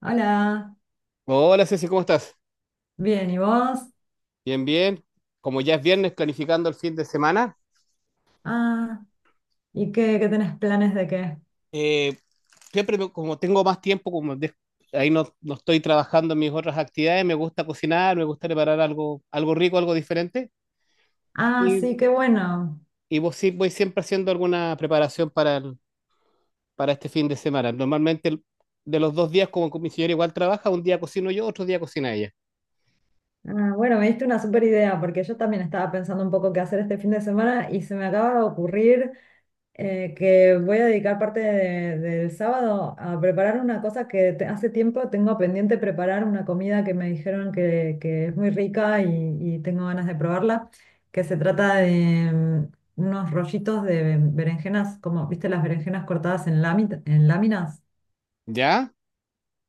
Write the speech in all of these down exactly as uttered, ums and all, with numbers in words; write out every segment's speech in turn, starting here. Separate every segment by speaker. Speaker 1: Hola,
Speaker 2: Hola Ceci, ¿cómo estás?
Speaker 1: bien, ¿y vos?
Speaker 2: Bien, bien. Como ya es viernes, planificando el fin de semana,
Speaker 1: Ah, ¿y qué, qué tenés planes de qué?
Speaker 2: eh, siempre me- como tengo más tiempo, como de- ahí no, no estoy trabajando en mis otras actividades, me gusta cocinar, me gusta preparar algo, algo rico, algo diferente,
Speaker 1: Ah,
Speaker 2: y,
Speaker 1: sí, qué bueno.
Speaker 2: y vos sí- voy siempre haciendo alguna preparación para, el- para este fin de semana. Normalmente el- de los dos días, como mi señora igual trabaja, un día cocino yo, otro día cocina ella.
Speaker 1: Ah, bueno, me diste una super idea porque yo también estaba pensando un poco qué hacer este fin de semana y se me acaba de ocurrir eh, que voy a dedicar parte de- del sábado a preparar una cosa que te- hace tiempo tengo pendiente preparar, una comida que me dijeron que, que es muy rica y, y tengo ganas de probarla, que se trata de mm, unos rollitos de berenjenas, como, viste, las berenjenas cortadas en lámi- en láminas
Speaker 2: ¿Ya?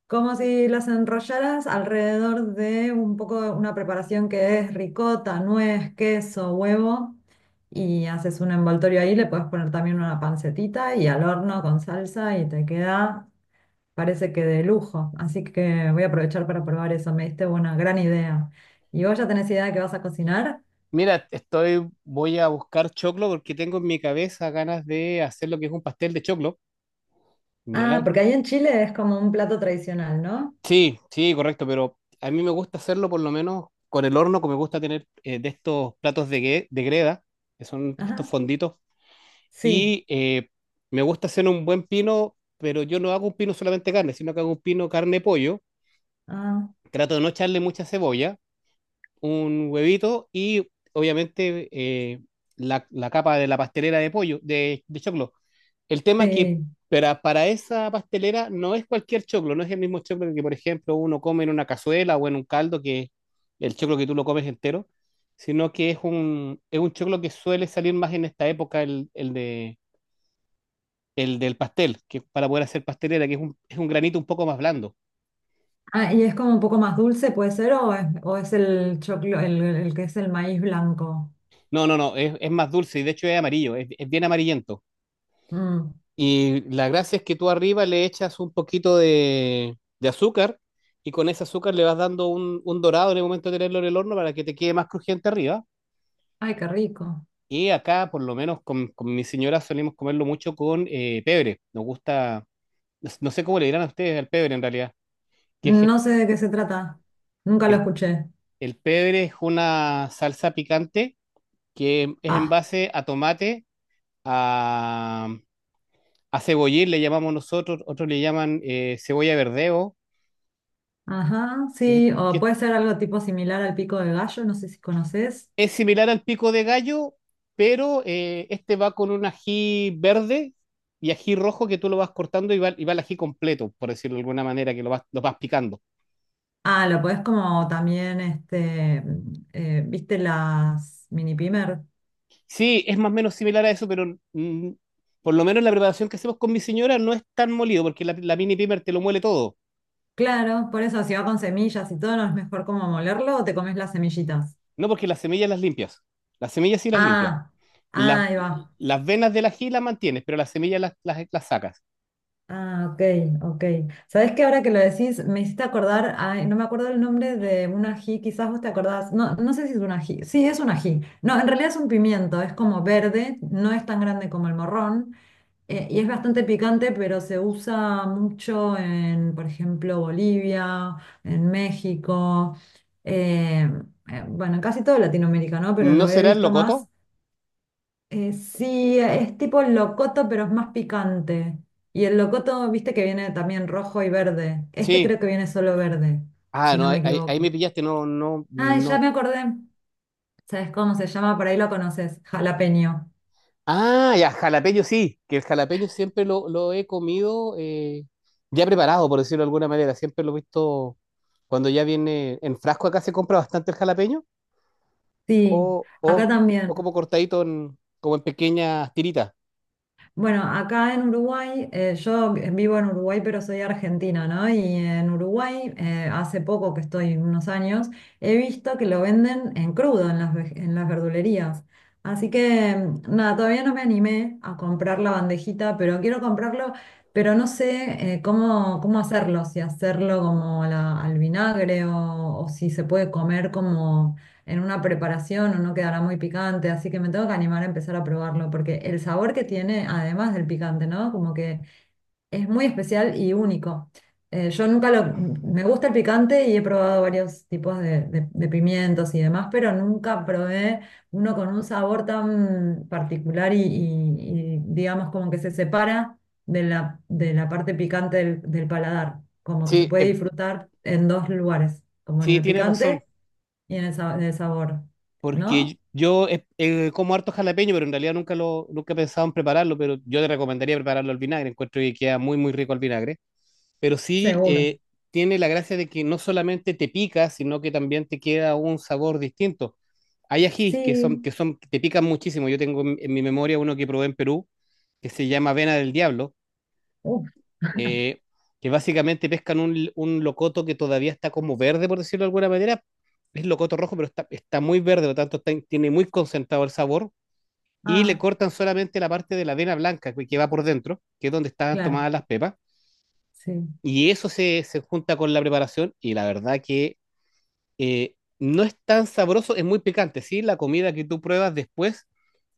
Speaker 1: como si las enrollaras alrededor de un poco una preparación que es ricota, nuez, queso, huevo, y haces un envoltorio ahí, le puedes poner también una pancetita y al horno con salsa y te queda, parece que de lujo. Así que voy a aprovechar para probar eso, me diste una gran idea. ¿Y vos ya tenés idea de qué vas a cocinar?
Speaker 2: Mira, estoy, voy a buscar choclo porque tengo en mi cabeza ganas de hacer lo que es un pastel de choclo.
Speaker 1: Ah,
Speaker 2: Ya,
Speaker 1: porque ahí en Chile es como un plato tradicional, ¿no?
Speaker 2: sí, sí, correcto, pero a mí me gusta hacerlo por lo menos con el horno, que me gusta tener eh, de estos platos de, gue- de greda, que son estos
Speaker 1: Ajá,
Speaker 2: fonditos,
Speaker 1: sí.
Speaker 2: y eh, me gusta hacer un buen pino, pero yo no hago un pino solamente carne, sino que hago un pino carne-pollo,
Speaker 1: Ah,
Speaker 2: trato de no echarle mucha cebolla, un huevito y obviamente eh, la, la capa de la pastelera de pollo, de, de choclo. El tema es que
Speaker 1: sí.
Speaker 2: para, para esa pastelera no es cualquier choclo, no es el mismo choclo que, por ejemplo, uno come en una cazuela o en un caldo, que el choclo que tú lo comes entero, sino que es un, es un choclo que suele salir más en esta época, el, el de, el del pastel, que para poder hacer pastelera, que es un, es un granito un poco más blando.
Speaker 1: Ah, y es como un poco más dulce, puede ser, o es, o es el choclo, el, el que es el maíz blanco.
Speaker 2: No, no, no, es, es más dulce y de hecho es amarillo, es, es bien amarillento.
Speaker 1: Mm.
Speaker 2: Y la gracia es que tú arriba le echas un poquito de, de azúcar y con ese azúcar le vas dando un, un dorado en el momento de tenerlo en el horno para que te quede más crujiente arriba.
Speaker 1: Ay, qué rico.
Speaker 2: Y acá, por lo menos con, con mi señora, solemos comerlo mucho con eh, pebre. Nos gusta, no no sé cómo le dirán a ustedes al pebre en realidad, que es
Speaker 1: No sé de qué se trata. Nunca lo
Speaker 2: el,
Speaker 1: escuché.
Speaker 2: el pebre es una salsa picante que es en
Speaker 1: Ah,
Speaker 2: base a tomate, a, a cebollín le llamamos nosotros, otros le llaman eh, cebolla verdeo.
Speaker 1: ajá,
Speaker 2: Que es,
Speaker 1: sí.
Speaker 2: que
Speaker 1: O
Speaker 2: es
Speaker 1: puede ser algo tipo similar al pico de gallo, no sé si conoces.
Speaker 2: Es similar al pico de gallo, pero eh, este va con un ají verde y ají rojo que tú lo vas cortando y va, y va el ají completo, por decirlo de alguna manera, que lo vas, lo vas picando.
Speaker 1: Ah, lo podés como también, este, eh, ¿viste las mini pimer?
Speaker 2: Sí, es más o menos similar a eso, pero mm, por lo menos la preparación que hacemos con mi señora no es tan molido, porque la, la mini pimer te lo muele todo.
Speaker 1: Claro, por eso si va con semillas y todo, ¿no es mejor como molerlo o te comes las semillitas?
Speaker 2: No, porque las semillas las limpias. Las semillas sí las limpias.
Speaker 1: Ah, ah,
Speaker 2: Las,
Speaker 1: ahí va.
Speaker 2: las venas del ají las mantienes, pero las semillas las, las, las sacas.
Speaker 1: Ah, ok, ok. ¿Sabés que ahora que lo decís, me hiciste acordar, ay, no me acuerdo el nombre de un ají, quizás vos te acordás, no, no sé si es un ají, sí, es un ají? No, en realidad es un pimiento, es como verde, no es tan grande como el morrón, eh, y es bastante picante, pero se usa mucho en, por ejemplo, Bolivia, en México, eh, eh, bueno, en casi todo Latinoamérica, ¿no? Pero
Speaker 2: ¿No
Speaker 1: lo he
Speaker 2: será el
Speaker 1: visto más.
Speaker 2: locoto?
Speaker 1: Eh, sí, es tipo el locoto, pero es más picante. Y el locoto, viste que viene también rojo y verde. Este
Speaker 2: Sí.
Speaker 1: creo que viene solo verde,
Speaker 2: Ah,
Speaker 1: si
Speaker 2: no,
Speaker 1: no
Speaker 2: ahí,
Speaker 1: me
Speaker 2: ahí- ahí me
Speaker 1: equivoco.
Speaker 2: pillaste, no, no,
Speaker 1: Ay, ya
Speaker 2: no.
Speaker 1: me acordé. ¿Sabes cómo se llama? Por ahí lo conoces. Jalapeño.
Speaker 2: Ah, ya, jalapeño sí, que el jalapeño siempre lo, lo he comido eh, ya preparado, por decirlo de alguna manera. Siempre lo he visto cuando ya viene en frasco acá se compra bastante el jalapeño
Speaker 1: Sí,
Speaker 2: o, o,
Speaker 1: acá
Speaker 2: o
Speaker 1: también.
Speaker 2: como cortadito en- como en pequeñas tiritas.
Speaker 1: Bueno, acá en Uruguay, eh, yo vivo en Uruguay, pero soy argentina, ¿no? Y en Uruguay, eh, hace poco que estoy, unos años, he visto que lo venden en crudo en las, ve- en las verdulerías. Así que, mm, nada, todavía no me animé a comprar la bandejita, pero quiero comprarlo, pero no sé, eh, cómo, cómo hacerlo, si hacerlo como la- al vinagre o, o si se puede comer como en una preparación o no quedará muy picante, así que me tengo que animar a empezar a probarlo, porque el sabor que tiene, además del picante, ¿no? Como que es muy especial y único. Eh, yo nunca lo... Me gusta el picante y he probado varios tipos de, de- de pimientos y demás, pero nunca probé uno con un sabor tan particular y, y- y, digamos como que se separa de la, de la parte picante del, del paladar, como que se
Speaker 2: Sí,
Speaker 1: puede
Speaker 2: eh,
Speaker 1: disfrutar en dos lugares, como en
Speaker 2: sí,
Speaker 1: el
Speaker 2: tienes
Speaker 1: picante
Speaker 2: razón,
Speaker 1: y en el, sa- en sabor, ¿no?
Speaker 2: porque yo eh, eh, como harto jalapeño, pero en realidad nunca lo, nunca he pensado en prepararlo, pero yo te recomendaría prepararlo al vinagre. Encuentro que queda muy, muy rico al vinagre. Pero sí
Speaker 1: Seguro.
Speaker 2: eh, tiene la gracia de que no solamente te pica, sino que también te queda un sabor distinto. Hay ajís que son, que
Speaker 1: Sí.
Speaker 2: son, que te pican muchísimo. Yo tengo en, en mi memoria uno que probé en Perú, que se llama avena del diablo,
Speaker 1: Uf.
Speaker 2: eh, que básicamente pescan un, un locoto que todavía está como verde, por decirlo de alguna manera. Es locoto rojo, pero está, está muy verde, por lo tanto está- tiene muy concentrado el sabor. Y le
Speaker 1: Ah,
Speaker 2: cortan solamente la parte de la avena blanca que que va por dentro, que es donde están
Speaker 1: claro,
Speaker 2: tomadas las pepas
Speaker 1: sí.
Speaker 2: y eso se, se junta con la preparación y la verdad que eh, no es tan sabroso, es muy picante, ¿sí? La comida que tú pruebas después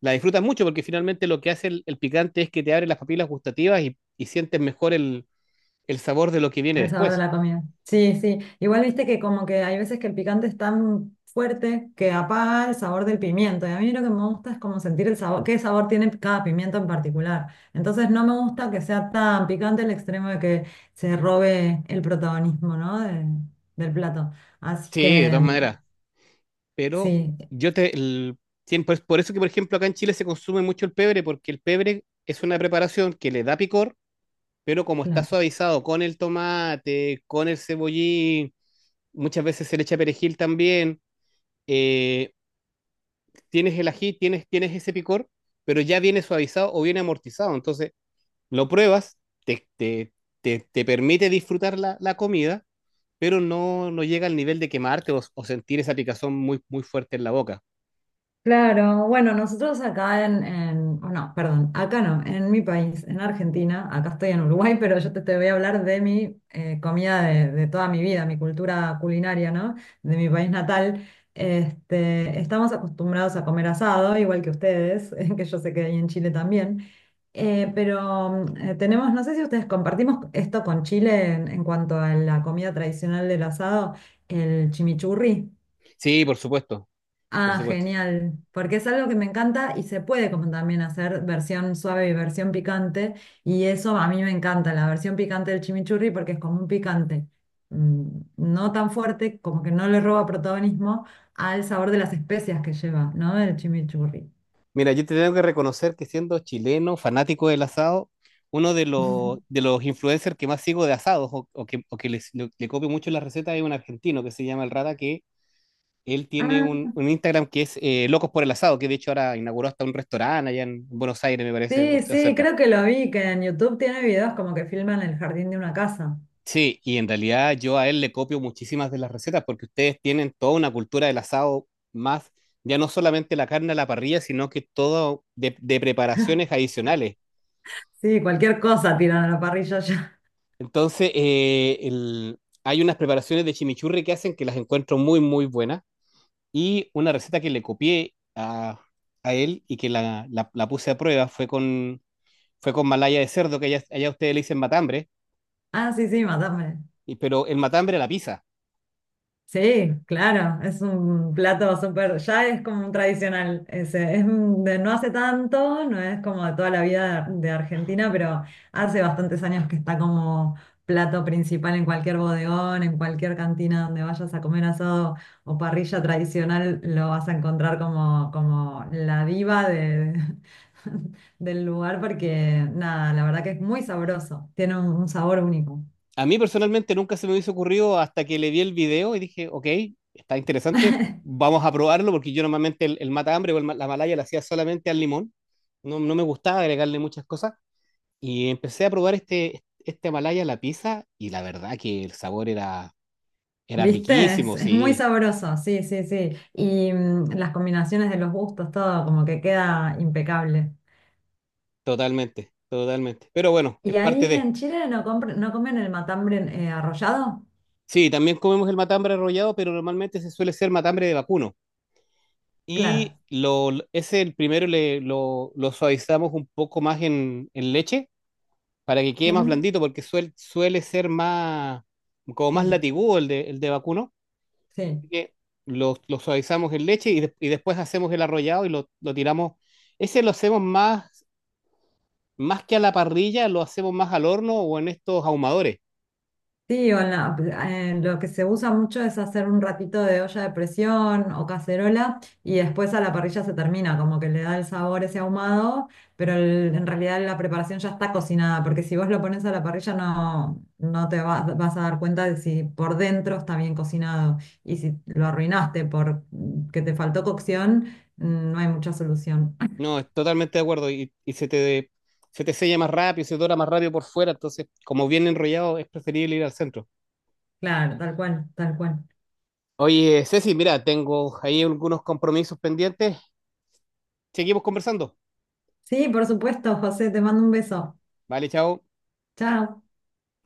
Speaker 2: la disfrutas mucho porque finalmente lo que hace el, el picante es que te abre las papilas gustativas y, y sientes mejor el, el sabor de lo que viene
Speaker 1: El sabor de
Speaker 2: después.
Speaker 1: la comida. Sí, sí. Igual viste que como que hay veces que el picante es tan fuerte que apaga el sabor del pimiento. Y a mí lo que me gusta es como sentir el sabor, qué sabor tiene cada pimiento en particular. Entonces no me gusta que sea tan picante el extremo de que se robe el protagonismo, ¿no? de- del plato. Así
Speaker 2: Sí, de todas
Speaker 1: que
Speaker 2: maneras, pero
Speaker 1: sí,
Speaker 2: yo te... el- tien- por, por eso que, por ejemplo, acá en Chile se consume mucho el pebre porque el pebre es una preparación que le da picor, pero como está
Speaker 1: claro.
Speaker 2: suavizado con el tomate, con el cebollín, muchas veces se le echa perejil también, eh, tienes el ají, tienes, tienes ese picor, pero ya viene suavizado o viene amortizado. Entonces, lo pruebas, te, te, te, te permite disfrutar la, la comida, pero no, no llega al nivel de quemarte o, o sentir esa picazón muy, muy fuerte en la boca.
Speaker 1: Claro, bueno, nosotros acá en, en- oh, no, perdón, acá no, en mi país, en Argentina, acá estoy en Uruguay, pero yo te, te voy a hablar de mi eh, comida de, de toda mi vida, mi cultura culinaria, ¿no? De mi país natal. Este, estamos acostumbrados a comer asado, igual que ustedes, que yo sé que hay en Chile también. Eh, pero mm, eh, tenemos, no sé si ustedes compartimos esto con Chile en, en cuanto a la comida tradicional del asado, el chimichurri.
Speaker 2: Sí, por supuesto, por
Speaker 1: Ah,
Speaker 2: supuesto.
Speaker 1: genial, porque es algo que me encanta y se puede como también hacer versión suave y versión picante, y eso a mí me encanta, la versión picante del chimichurri, porque es como un picante mm, no tan fuerte, como que no le roba protagonismo al sabor de las especias que lleva, ¿no? El chimichurri.
Speaker 2: Mira, yo te tengo que reconocer que siendo chileno, fanático del asado, uno de los, de los influencers que más sigo de asados o, o que, o que les- le, le copio mucho las recetas es un argentino que se llama El Rata, que él tiene
Speaker 1: Ah,
Speaker 2: un, un Instagram que es eh, Locos por el Asado, que de hecho ahora inauguró hasta un restaurante allá en Buenos Aires, me parece, o
Speaker 1: sí,
Speaker 2: sea,
Speaker 1: sí,
Speaker 2: cerca.
Speaker 1: creo que lo vi, que en YouTube tiene videos como que filman el jardín de una casa.
Speaker 2: Sí, y en realidad yo a él le copio muchísimas de las recetas porque ustedes tienen toda una cultura del asado más, ya no solamente la carne a la parrilla, sino que todo de de preparaciones adicionales.
Speaker 1: Sí, cualquier cosa tiran a la parrilla ya.
Speaker 2: Entonces, eh, el- hay unas preparaciones de chimichurri que hacen que las encuentro muy, muy buenas. Y una receta que le copié a, a él y que la, la- la puse a prueba fue con, fue con malaya de cerdo, que allá, allá ustedes le dicen matambre,
Speaker 1: Ah, sí, sí, matame.
Speaker 2: y- pero el matambre a la pizza.
Speaker 1: Sí, claro, es un plato súper, ya es como un tradicional, ese, es un- de no hace tanto, no es como de toda la vida de, Argentina, pero hace bastantes años que está como plato principal en cualquier bodegón, en cualquier cantina donde vayas a comer asado o parrilla tradicional, lo vas a encontrar como, como la diva de, del lugar, porque nada, la verdad que es muy sabroso, tiene un un sabor único.
Speaker 2: A mí personalmente nunca se me hubiese ocurrido hasta que le vi el video y dije, ok, está interesante, vamos a probarlo, porque yo normalmente el, el matambre o el ma- la malaya la hacía solamente al limón. No, no me gustaba agregarle muchas cosas. Y empecé a probar este, este Himalaya, la pizza, y la verdad que el sabor era, era
Speaker 1: ¿Viste?
Speaker 2: riquísimo,
Speaker 1: Es, es muy
Speaker 2: sí,
Speaker 1: sabroso, sí, sí, sí. Y mm, las combinaciones de los gustos, todo como que queda impecable.
Speaker 2: totalmente, totalmente. Pero bueno,
Speaker 1: ¿Y
Speaker 2: es parte
Speaker 1: ahí
Speaker 2: de.
Speaker 1: en Chile no, compr- no comen el matambre eh, arrollado?
Speaker 2: Sí, también comemos el matambre arrollado, pero normalmente se suele ser matambre de vacuno. Y
Speaker 1: Claro.
Speaker 2: lo, lo- ese, el primero, le, lo, lo suavizamos un poco más en, en leche para que quede más
Speaker 1: Ujú.
Speaker 2: blandito, porque suel- suele ser más, como más
Speaker 1: Sí,
Speaker 2: latigudo el de, el de vacuno.
Speaker 1: sí.
Speaker 2: Que lo, lo suavizamos en leche y, de- y después hacemos el arrollado y lo, lo tiramos. Ese lo hacemos más, más que a la parrilla, lo hacemos más al horno o en estos ahumadores.
Speaker 1: Sí, o en la- en lo que se usa mucho es hacer un ratito de olla de presión o cacerola y después a la parrilla se termina, como que le da el sabor ese ahumado, pero el- en realidad la preparación ya está cocinada, porque si vos lo pones a la parrilla no, no te va- vas a dar cuenta de si por dentro está bien cocinado y si lo arruinaste por mm, que te faltó cocción, mm, no hay mucha solución.
Speaker 2: No, es totalmente de acuerdo. Y, y se te, se te sella más rápido, se dora más rápido por fuera. Entonces, como viene enrollado, es preferible ir al centro.
Speaker 1: Claro, tal cual, tal cual.
Speaker 2: Oye, Ceci, mira, tengo ahí algunos compromisos pendientes. Seguimos conversando.
Speaker 1: Sí, por supuesto, José, te mando un beso.
Speaker 2: Vale, chao.
Speaker 1: Chao.